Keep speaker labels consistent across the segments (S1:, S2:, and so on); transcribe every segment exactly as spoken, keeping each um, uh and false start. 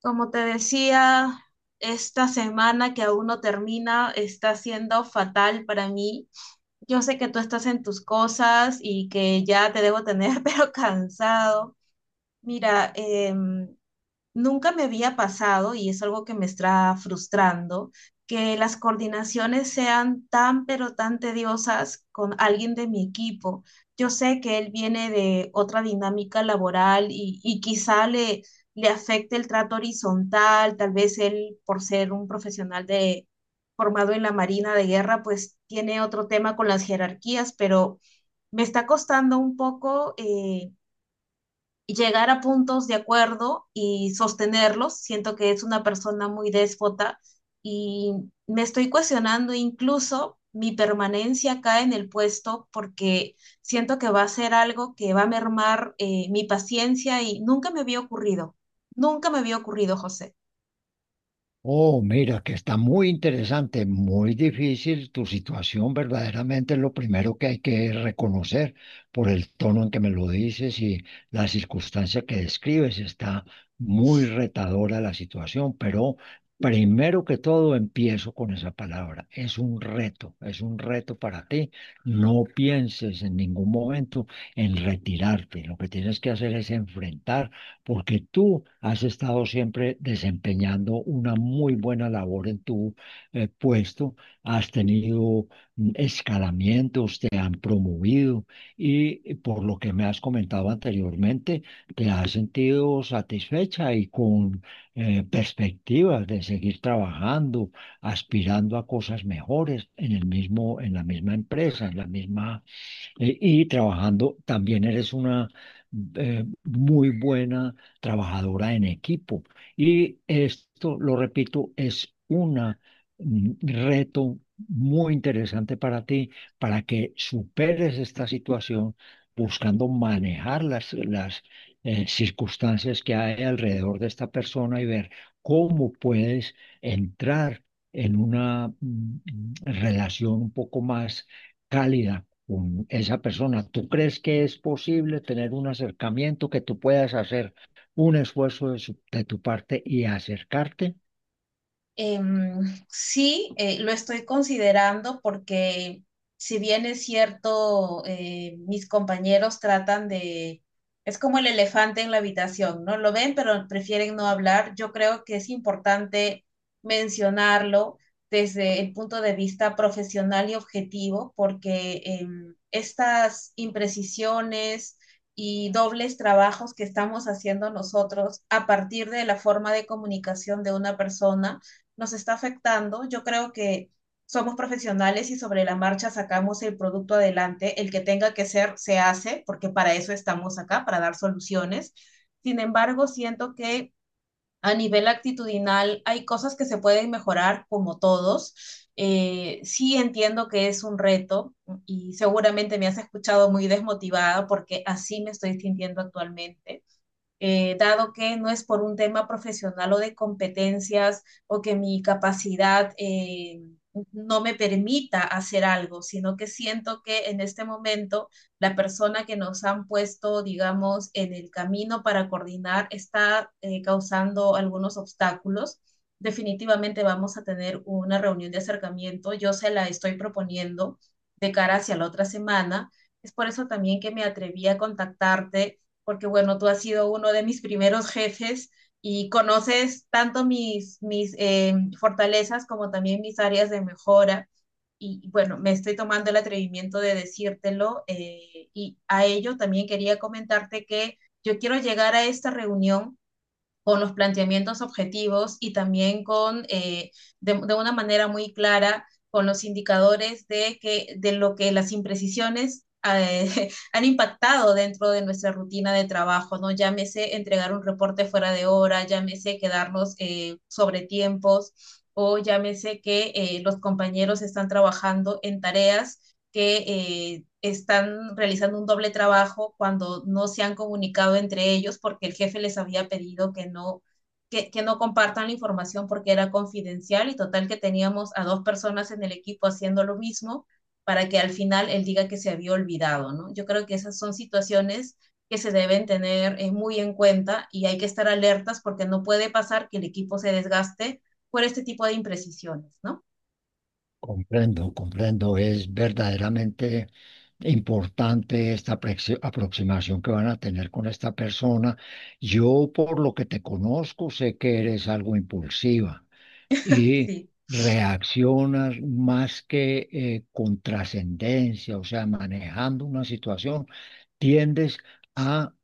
S1: Como te decía, esta semana que aún no termina está siendo fatal para mí. Yo sé que tú estás en tus cosas y que ya te debo tener, pero cansado. Mira, em, nunca me había pasado, y es algo que me está frustrando, que las coordinaciones sean tan, pero tan tediosas con alguien de mi equipo. Yo sé que él viene de otra dinámica laboral y, y quizá le, le afecte el trato horizontal, tal vez él, por ser un profesional de, formado en la Marina de Guerra, pues tiene otro tema con las jerarquías, pero me está costando un poco, eh, llegar a puntos de acuerdo y sostenerlos. Siento que es una persona muy déspota y me estoy cuestionando incluso mi permanencia acá en el puesto porque siento que va a ser algo que va a mermar eh, mi paciencia y nunca me había ocurrido. Nunca me había ocurrido, José.
S2: Oh, mira, que está muy interesante, muy difícil tu situación, verdaderamente es lo primero que hay que reconocer por el tono en que me lo dices y la circunstancia que describes. Está muy retadora la situación, pero primero que todo empiezo con esa palabra. Es un reto, es un reto para ti. No pienses en ningún momento en retirarte. Lo que tienes que hacer es enfrentar porque tú has estado siempre desempeñando una muy buena labor en tu eh, puesto, has tenido mm, escalamientos, te han promovido y eh, por lo que me has comentado anteriormente, te has sentido satisfecha y con eh, perspectivas de seguir trabajando, aspirando a cosas mejores en el mismo, en la misma empresa, en la misma eh, y trabajando, también eres una eh, muy buena trabajadora en equipo. Y esto, lo repito, es una, un reto muy interesante para ti, para que superes esta situación buscando manejar las, las eh, circunstancias que hay alrededor de esta persona y ver cómo puedes entrar en una mm, mm, relación un poco más cálida con esa persona. ¿Tú crees que es posible tener un acercamiento, que tú puedas hacer un esfuerzo de, su- de tu parte y acercarte?
S1: Em, sí, eh, lo estoy considerando porque si bien es cierto, eh, mis compañeros tratan de, es como el elefante en la habitación, ¿no? Lo ven, pero prefieren no hablar. Yo creo que es importante mencionarlo desde el punto de vista profesional y objetivo, porque em, estas imprecisiones y dobles trabajos que estamos haciendo nosotros a partir de la forma de comunicación de una persona, nos está afectando. Yo creo que somos profesionales y sobre la marcha sacamos el producto adelante. El que tenga que ser, se hace, porque para eso estamos acá, para dar soluciones. Sin embargo, siento que a nivel actitudinal hay cosas que se pueden mejorar como todos. Eh, sí, entiendo que es un reto y seguramente me has escuchado muy desmotivada porque así me estoy sintiendo actualmente, eh, dado que no es por un tema profesional o de competencias o que mi capacidad eh, no me permita hacer algo, sino que siento que en este momento la persona que nos han puesto, digamos, en el camino para coordinar está eh, causando algunos obstáculos. Definitivamente vamos a tener una reunión de acercamiento. Yo se la estoy proponiendo de cara hacia la otra semana. Es por eso también que me atreví a contactarte porque bueno, tú has sido uno de mis primeros jefes y conoces tanto mis, mis eh, fortalezas como también mis áreas de mejora. Y bueno, me estoy tomando el atrevimiento de decírtelo, eh, y a ello también quería comentarte que yo quiero llegar a esta reunión con los planteamientos objetivos y también con, eh, de, de, una manera muy clara, con los indicadores de, que, de lo que las imprecisiones eh, han impactado dentro de nuestra rutina de trabajo, ¿no? Llámese entregar un reporte fuera de hora, llámese quedarnos eh, sobre tiempos o llámese que eh, los compañeros están trabajando en tareas que eh, están realizando un doble trabajo cuando no se han comunicado entre ellos porque el jefe les había pedido que no, que, que, no compartan la información porque era confidencial y total que teníamos a dos personas en el equipo haciendo lo mismo para que al final él diga que se había olvidado, ¿no? Yo creo que esas son situaciones que se deben tener eh, muy en cuenta y hay que estar alertas porque no puede pasar que el equipo se desgaste por este tipo de imprecisiones, ¿no?
S2: Comprendo, comprendo. Es verdaderamente importante esta aproxi- aproximación que van a tener con esta persona. Yo, por lo que te conozco, sé que eres algo impulsiva y
S1: Sí.
S2: reaccionas más que eh, con trascendencia, o sea, manejando una situación, tiendes a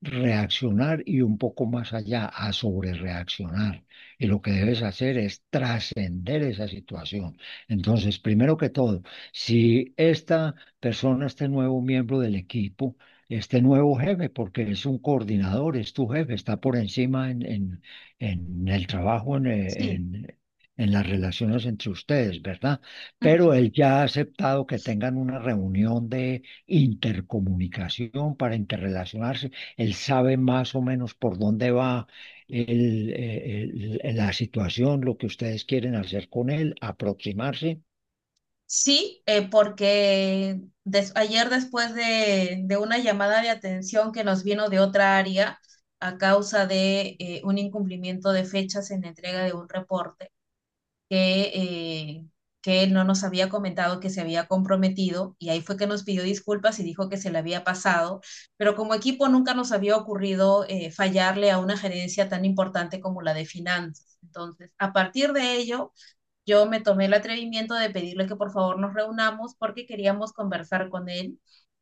S2: reaccionar y un poco más allá a sobrereaccionar. Y lo que debes hacer es trascender esa situación. Entonces, primero que todo, si esta persona, este nuevo miembro del equipo, este nuevo jefe, porque es un coordinador, es tu jefe, está por encima en, en, en el trabajo, en,
S1: Sí.
S2: en, en las relaciones entre ustedes, ¿verdad? Pero él ya ha aceptado que tengan una reunión de intercomunicación para interrelacionarse. Él sabe más o menos por dónde va el- el- el- la situación, lo que ustedes quieren hacer con él, aproximarse.
S1: Sí, eh, porque des- ayer después de, de una llamada de atención que nos vino de otra área a causa de eh, un incumplimiento de fechas en la entrega de un reporte que, eh, que él no nos había comentado que se había comprometido y ahí fue que nos pidió disculpas y dijo que se le había pasado, pero como equipo nunca nos había ocurrido eh, fallarle a una gerencia tan importante como la de finanzas. Entonces, a partir de ello yo me tomé el atrevimiento de pedirle que por favor nos reunamos porque queríamos conversar con él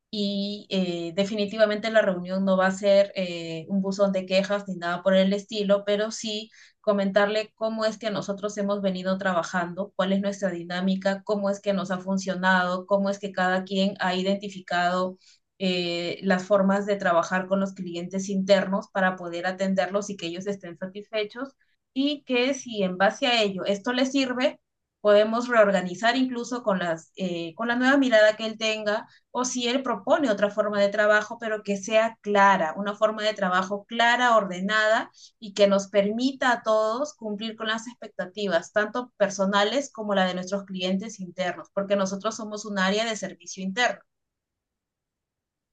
S1: y, eh, definitivamente la reunión no va a ser eh, un buzón de quejas ni nada por el estilo, pero sí comentarle cómo es que nosotros hemos venido trabajando, cuál es nuestra dinámica, cómo es que nos ha funcionado, cómo es que cada quien ha identificado eh, las formas de trabajar con los clientes internos para poder atenderlos y que ellos estén satisfechos y que si en base a ello esto les sirve, podemos reorganizar incluso con, las, eh, con la nueva mirada que él tenga o si él propone otra forma de trabajo, pero que sea clara, una forma de trabajo clara, ordenada y que nos permita a todos cumplir con las expectativas, tanto personales como la de nuestros clientes internos, porque nosotros somos un área de servicio interno.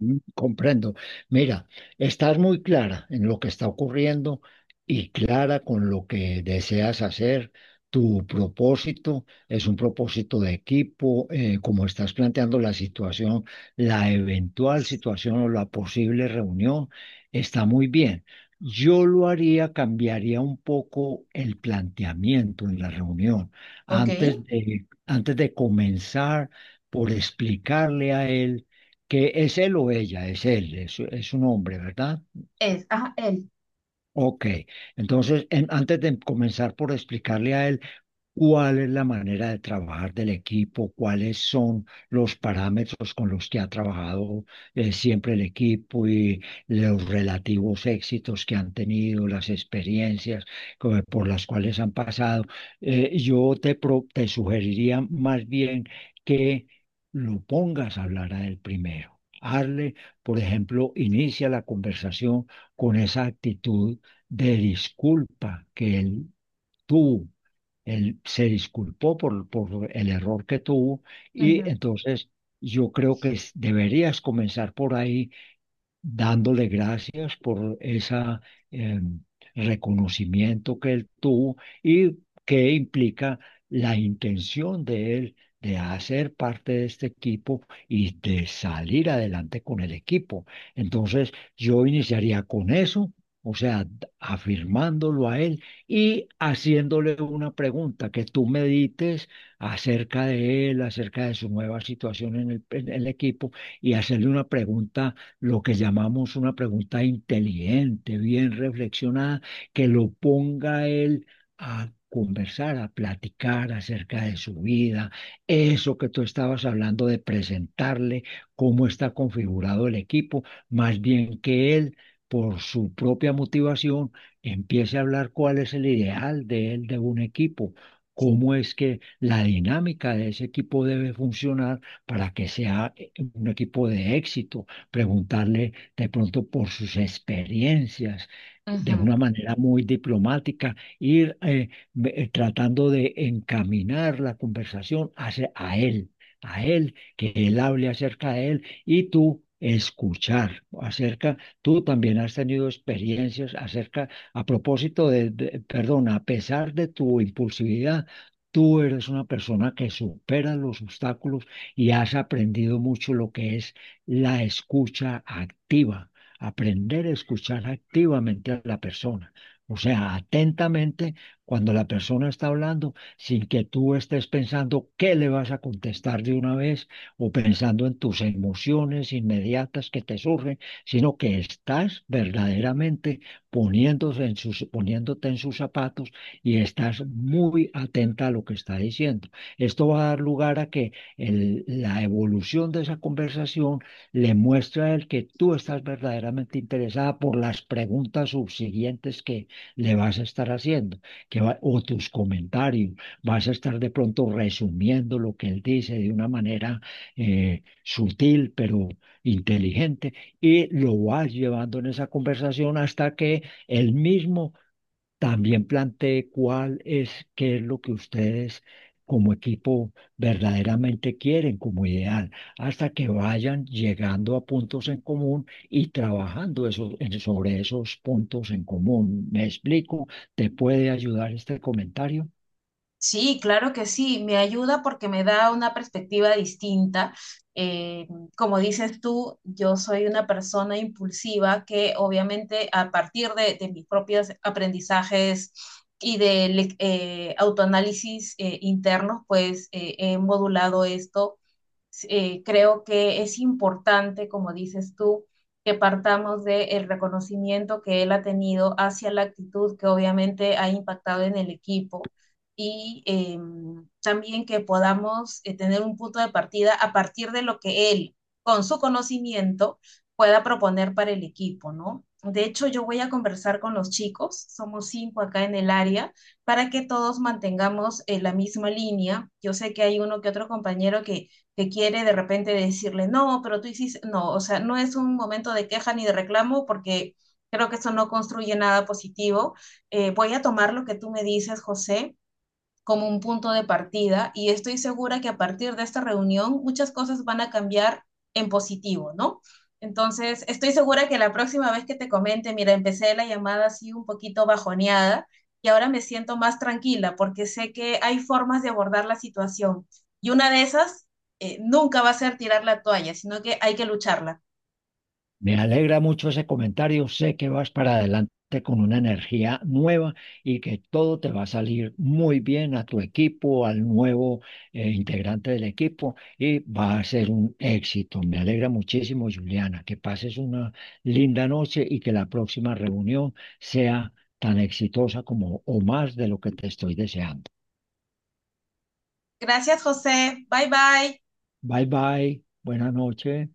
S2: Mm, comprendo. Mira, estás muy clara en lo que está ocurriendo y clara con lo que deseas hacer. Tu propósito es un propósito de equipo, eh, como estás planteando la situación, la eventual situación o la posible reunión, está muy bien. Yo lo haría, cambiaría un poco el planteamiento en la reunión.
S1: ¿Ok?
S2: Antes de, antes de comenzar por explicarle a él que es él o ella, es él, es, es un hombre, ¿verdad?
S1: Es, ajá, él.
S2: Ok, entonces en- antes de comenzar por explicarle a él cuál es la manera de trabajar del equipo, cuáles son los parámetros con los que ha trabajado eh, siempre el equipo y los relativos éxitos que han tenido, las experiencias co- por las cuales han pasado. Eh, yo te, pro- te sugeriría más bien que lo pongas a hablar a él primero. Hazle, por ejemplo, inicia la conversación con esa actitud de disculpa que él tuvo. Él se disculpó por, por el error que tuvo
S1: Uh
S2: y
S1: -huh.
S2: entonces yo creo que es- deberías comenzar por ahí dándole gracias por ese reconocimiento que él tuvo y que implica la intención de él de hacer parte de este equipo y de salir adelante con el equipo. Entonces, yo iniciaría con eso. O sea, d- afirmándolo a él y haciéndole una pregunta que tú medites acerca de él, acerca de su nueva situación en el en el equipo y hacerle una pregunta lo que llamamos una pregunta inteligente, bien reflexionada, que lo ponga él a conversar, a platicar acerca de su vida, eso que tú estabas hablando de presentarle, cómo está configurado el equipo, más bien que él, por su propia motivación, empiece a hablar cuál es el ideal de él, de un equipo, cómo es que la dinámica de ese equipo debe funcionar para que sea eh, un equipo de éxito, preguntarle de pronto por sus experiencias,
S1: Uh
S2: de
S1: -huh.
S2: una manera muy diplomática, ir eh, ve- eh, tratando de encaminar la conversación hacia a él, a él, que él hable acerca de él y tú escuchar acerca, tú también has tenido experiencias acerca, a propósito de, de- perdón, a pesar de tu impulsividad. Tú eres una persona que supera los obstáculos y has aprendido mucho lo que es la escucha activa, aprender a escuchar activamente a la persona. O sea, atentamente cuando la persona está hablando, sin que tú estés pensando qué le vas a contestar de una vez o pensando en tus emociones inmediatas que te surgen, sino que estás verdaderamente poniéndose en sus, poniéndote en sus zapatos y estás muy atenta a lo que está diciendo. Esto va a dar lugar a que el- la evolución de esa conversación le muestra a él que tú estás verdaderamente interesada por las preguntas subsiguientes que le vas a estar haciendo, que va- o tus comentarios, vas a estar de pronto resumiendo lo que él dice de una manera eh, sutil, pero inteligente, y lo vas llevando en esa conversación hasta que él mismo también planteé cuál es, qué es lo que ustedes como equipo verdaderamente quieren como ideal, hasta que vayan llegando a puntos en común y trabajando eso- en- sobre esos puntos en común. ¿Me explico? ¿Te puede ayudar este comentario?
S1: Sí, claro que sí, me ayuda porque me da una perspectiva distinta. Eh, Como dices tú, yo soy una persona impulsiva que obviamente a partir de, de mis propios aprendizajes y de le- eh, autoanálisis eh, internos, pues eh, he modulado esto. Sí, eh, creo que es importante, como dices tú, que partamos del reconocimiento que él ha tenido hacia la actitud que obviamente ha impactado en el equipo y, eh, también que podamos, eh, tener un punto de partida a partir de lo que él, con su conocimiento, pueda proponer para el equipo, ¿no? De hecho, yo voy a conversar con los chicos, somos cinco acá en el área, para que todos mantengamos eh, la misma línea. Yo sé que hay uno que otro compañero que que quiere de repente decirle, no, pero tú hiciste, no, o sea, no es un momento de queja ni de reclamo porque creo que eso no construye nada positivo. Eh, voy a tomar lo que tú me dices, José, como un punto de partida y estoy segura que a partir de esta reunión muchas cosas van a cambiar en positivo, ¿no? Entonces, estoy segura que la próxima vez que te comente, mira, empecé la llamada así un poquito bajoneada y ahora me siento más tranquila porque sé que hay formas de abordar la situación. Y una de esas eh, nunca va a ser tirar la toalla, sino que hay que lucharla.
S2: Me alegra mucho ese comentario. Sé que vas para adelante con una energía nueva y que todo te va a salir muy bien a tu equipo, al nuevo eh, integrante del equipo y va a ser un éxito. Me alegra muchísimo, Juliana, que pases una linda noche y que la próxima reunión sea tan exitosa como o más de lo que te estoy deseando.
S1: Gracias, José. Bye bye.
S2: Bye bye, buena noche.